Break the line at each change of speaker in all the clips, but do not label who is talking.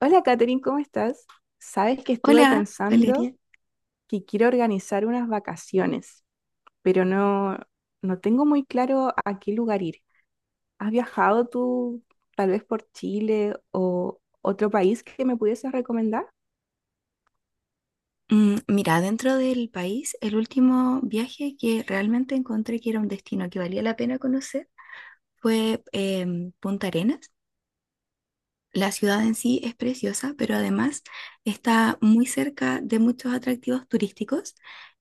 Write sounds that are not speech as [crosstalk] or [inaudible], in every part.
Hola, Katherine, ¿cómo estás? Sabes que estuve
Hola,
pensando
Valeria.
que quiero organizar unas vacaciones, pero no, no tengo muy claro a qué lugar ir. ¿Has viajado tú tal vez por Chile o otro país que me pudieses recomendar?
Mira, dentro del país, el último viaje que realmente encontré que era un destino que valía la pena conocer fue Punta Arenas. La ciudad en sí es preciosa, pero además está muy cerca de muchos atractivos turísticos.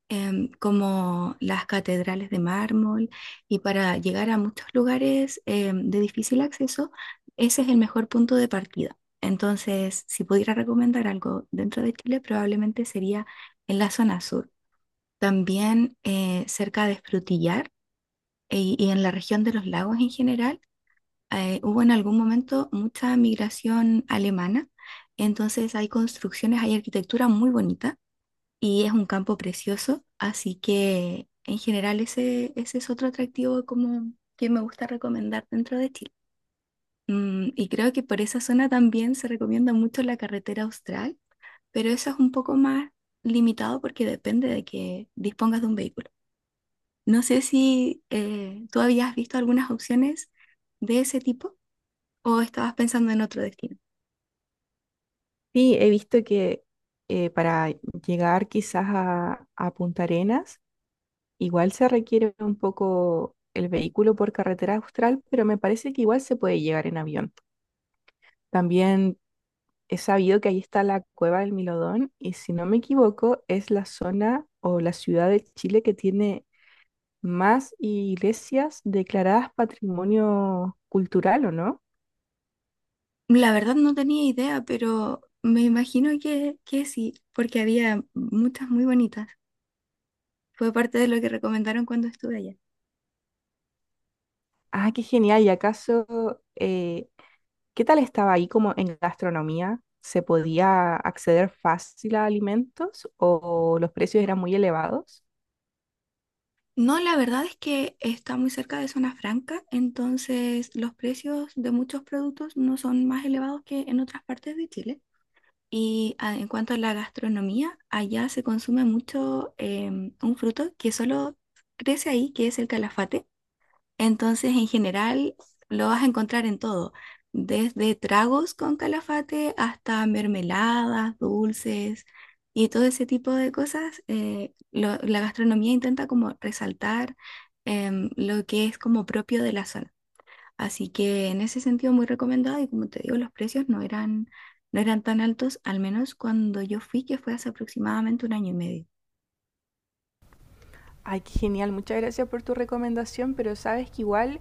Como las catedrales de mármol, y para llegar a muchos lugares de difícil acceso, ese es el mejor punto de partida. Entonces, si pudiera recomendar algo dentro de Chile, probablemente sería en la zona sur, también cerca de Frutillar y en la región de los lagos en general. Hubo en algún momento mucha migración alemana, entonces hay construcciones, hay arquitectura muy bonita y es un campo precioso, así que en general ese es otro atractivo como que me gusta recomendar dentro de Chile. Y creo que por esa zona también se recomienda mucho la carretera austral, pero eso es un poco más limitado porque depende de que dispongas de un vehículo. No sé si tú habías visto algunas opciones de ese tipo o estabas pensando en otro destino.
Sí, he visto que para llegar quizás a Punta Arenas, igual se requiere un poco el vehículo por carretera austral, pero me parece que igual se puede llegar en avión. También he sabido que ahí está la cueva del Milodón y si no me equivoco es la zona o la ciudad de Chile que tiene más iglesias declaradas patrimonio cultural, ¿o no?
La verdad no tenía idea, pero me imagino que sí, porque había muchas muy bonitas. Fue parte de lo que recomendaron cuando estuve allá.
Ah, qué genial. ¿Y acaso, eh, qué tal estaba ahí como en gastronomía? ¿Se podía acceder fácil a alimentos o los precios eran muy elevados?
No, la verdad es que está muy cerca de zona franca, entonces los precios de muchos productos no son más elevados que en otras partes de Chile. Y en cuanto a la gastronomía, allá se consume mucho un fruto que solo crece ahí, que es el calafate. Entonces, en general, lo vas a encontrar en todo, desde tragos con calafate hasta mermeladas, dulces y todo ese tipo de cosas. La gastronomía intenta como resaltar lo que es como propio de la zona. Así que en ese sentido muy recomendado y como te digo, los precios no eran tan altos, al menos cuando yo fui, que fue hace aproximadamente un año y medio.
Ay, qué genial. Muchas gracias por tu recomendación, pero sabes que igual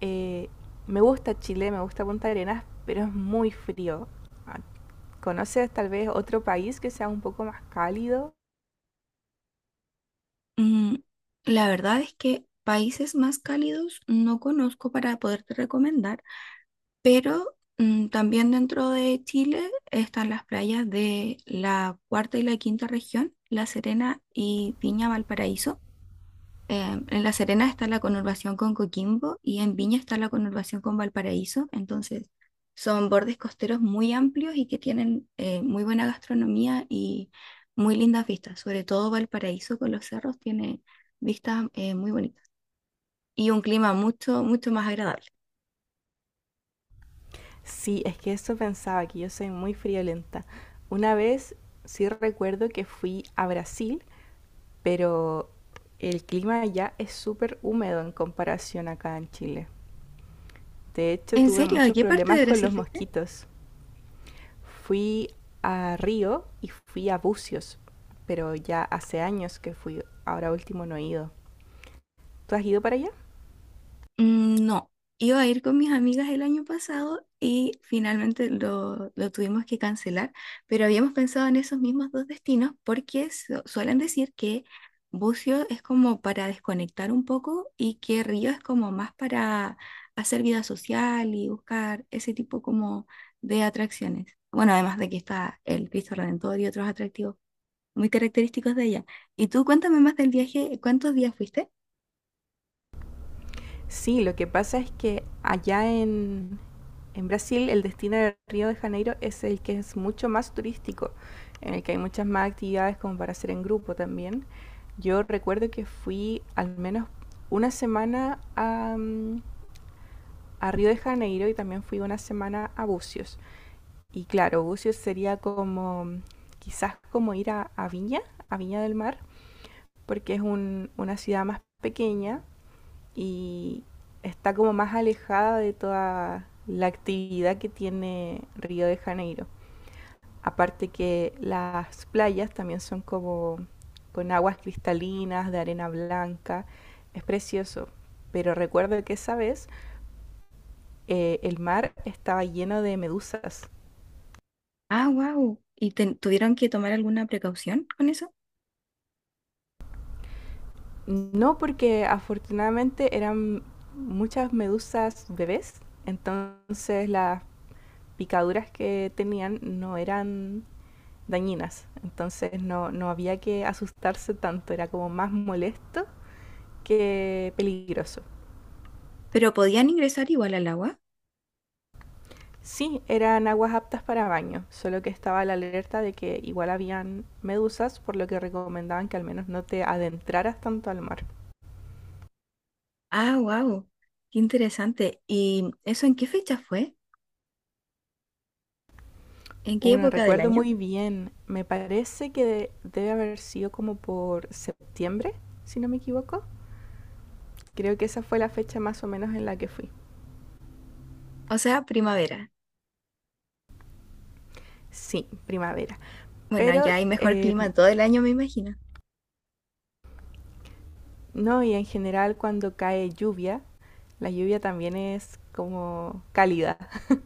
Eh, me gusta Chile, me gusta Punta Arenas, pero es muy frío. Ah, ¿conoces tal vez otro país que sea un poco más cálido?
Mm, la verdad es que países más cálidos no conozco para poderte recomendar, pero también dentro de Chile están las playas de la cuarta y la quinta región, La Serena y Viña Valparaíso. En La Serena está la conurbación con Coquimbo y en Viña está la conurbación con Valparaíso. Entonces, son bordes costeros muy amplios y que tienen muy buena gastronomía y muy lindas vistas. Sobre todo Valparaíso con los cerros tiene vistas muy bonitas y un clima mucho, mucho más agradable.
Sí, es que eso pensaba, que yo soy muy friolenta. Una vez sí recuerdo que fui a Brasil, pero el clima allá es súper húmedo en comparación acá en Chile. De hecho,
¿En
tuve
serio? ¿A
muchos
qué parte
problemas
de
con los
Brasil fuiste?
mosquitos. Fui a Río y fui a Bucios, pero ya hace años que fui, ahora último no he ido. ¿Tú has ido para allá?
Mm, no, iba a ir con mis amigas el año pasado y finalmente lo tuvimos que cancelar, pero habíamos pensado en esos mismos dos destinos porque suelen decir que Bucio es como para desconectar un poco y que Río es como más para hacer vida social y buscar ese tipo como de atracciones. Bueno, además de que está el Cristo Redentor y otros atractivos muy característicos de ella. Y tú cuéntame más del viaje, ¿cuántos días fuiste?
Sí, lo que pasa es que allá en Brasil el destino de Río de Janeiro es el que es mucho más turístico, en el que hay muchas más actividades como para hacer en grupo también. Yo recuerdo que fui al menos una semana a Río de Janeiro y también fui una semana a Bucios. Y claro, Bucios sería como mm, quizás como ir a Viña, a Viña del Mar, porque es una ciudad más pequeña y está como más alejada de toda la actividad que tiene Río de Janeiro. Aparte que las playas también son como con aguas cristalinas, de arena blanca, es precioso. Pero recuerdo que esa vez el mar estaba lleno de medusas.
Ah, wow. ¿Y tuvieron que tomar alguna precaución con eso?
No, porque afortunadamente eran muchas medusas bebés, entonces las picaduras que tenían no eran dañinas. Entonces no, no había que asustarse tanto, era como más molesto que peligroso.
¿Pero podían ingresar igual al agua?
Sí, eran aguas aptas para baño, solo que estaba la alerta de que igual habían medusas, por lo que recomendaban que al menos no te adentraras tanto al mar.
Ah, wow. Qué interesante. ¿Y eso en qué fecha fue? ¿En qué
Bueno,
época del
recuerdo
año?
muy bien, me parece que debe haber sido como por septiembre, si no me equivoco. Creo que esa fue la fecha más o menos en la que fui.
O sea, primavera.
Sí, primavera.
Bueno,
Pero
ya hay mejor
eh,
clima todo el año, me imagino.
No, y en general cuando cae lluvia, la lluvia también es como cálida, [laughs]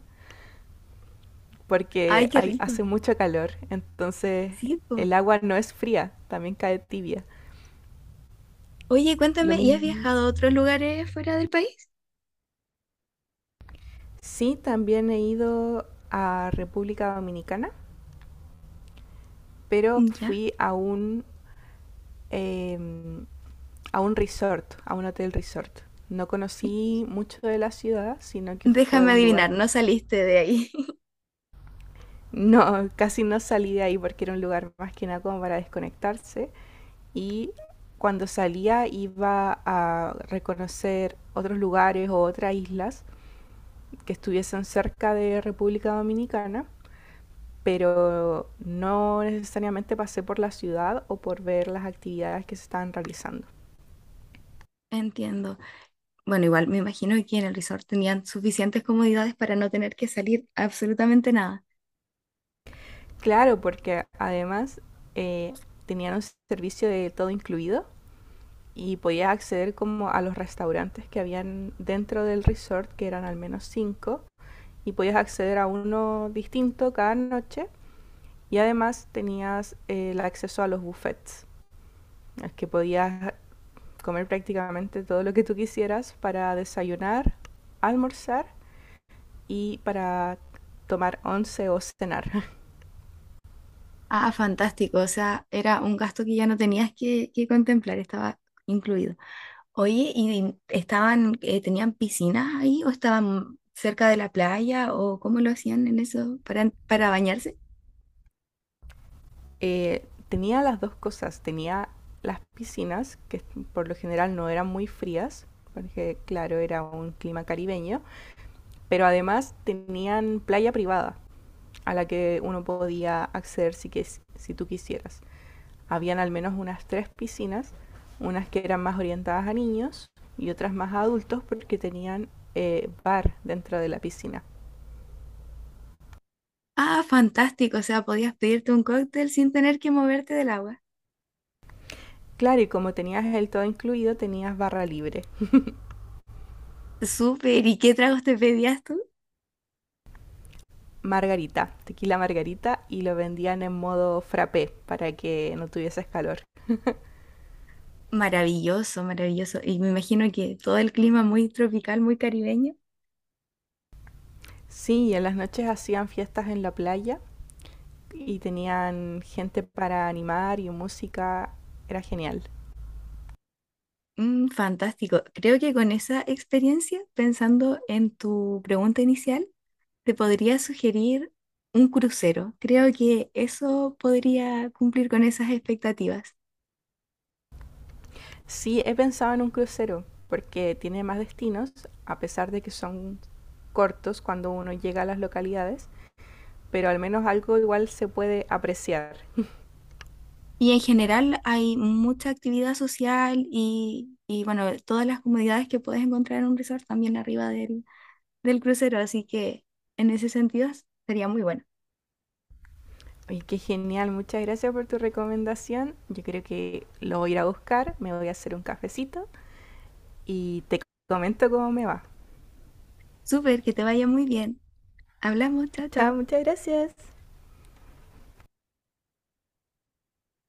Ay,
porque
qué
hay,
rico.
hace mucho calor, entonces
Sí, po.
el agua no es fría, también cae tibia.
Oye,
Lo
cuéntame, ¿y has
mismo.
viajado a otros lugares fuera del país?
Sí, también he ido a República Dominicana, pero
Mm, ya.
fui a eh, a un resort, a un hotel resort. No conocí mucho de la ciudad, sino que fue
Déjame
un
adivinar,
lugar.
no saliste de ahí. [laughs]
No, [laughs] casi no salí de ahí porque era un lugar más que nada como para desconectarse y cuando salía iba a reconocer otros lugares o otras islas que estuviesen cerca de República Dominicana, pero no necesariamente pasé por la ciudad o por ver las actividades que se estaban realizando.
Entiendo. Bueno, igual me imagino que en el resort tenían suficientes comodidades para no tener que salir absolutamente nada.
Claro, porque además eh, tenían un servicio de todo incluido y podías acceder como a los restaurantes que habían dentro del resort, que eran al menos 5, y podías acceder a uno distinto cada noche. Y además tenías el acceso a los buffets, que podías comer prácticamente todo lo que tú quisieras para desayunar, almorzar y para tomar once o cenar. [laughs]
Ah, fantástico. O sea, era un gasto que ya no tenías que contemplar, estaba incluido. Oye, ¿y estaban, tenían piscinas ahí o estaban cerca de la playa o cómo lo hacían en eso para bañarse?
Tenía las dos cosas, tenía las piscinas, que por lo general no eran muy frías, porque claro, era un clima caribeño, pero además tenían playa privada a la que uno podía acceder si tú quisieras. Habían al menos unas 3 piscinas, unas que eran más orientadas a niños y otras más a adultos porque tenían bar dentro de la piscina.
Ah, fantástico. O sea, podías pedirte un cóctel sin tener que moverte del agua.
Claro, y como tenías el todo incluido, tenías barra libre. [laughs]
Súper. ¿Y qué tragos te pedías tú?
Margarita, tequila margarita, y lo vendían en modo frappé para que no tuvieses calor.
Maravilloso, maravilloso. Y me imagino que todo el clima muy tropical, muy caribeño.
Sí, y en las noches hacían fiestas en la playa y tenían gente para animar y música. Era genial.
Mm, fantástico. Creo que con esa experiencia, pensando en tu pregunta inicial, te podría sugerir un crucero. Creo que eso podría cumplir con esas expectativas.
Sí, he pensado en un crucero, porque tiene más destinos, a pesar de que son cortos cuando uno llega a las localidades, pero al menos algo igual se puede apreciar. [laughs]
Y en general hay mucha actividad social y bueno, todas las comodidades que puedes encontrar en un resort también arriba del crucero. Así que en ese sentido sería muy bueno.
Y qué genial, muchas gracias por tu recomendación. Yo creo que lo voy a ir a buscar, me voy a hacer un cafecito y te comento cómo me va.
Súper, que te vaya muy bien. Hablamos, chao,
Chao,
chao.
muchas gracias.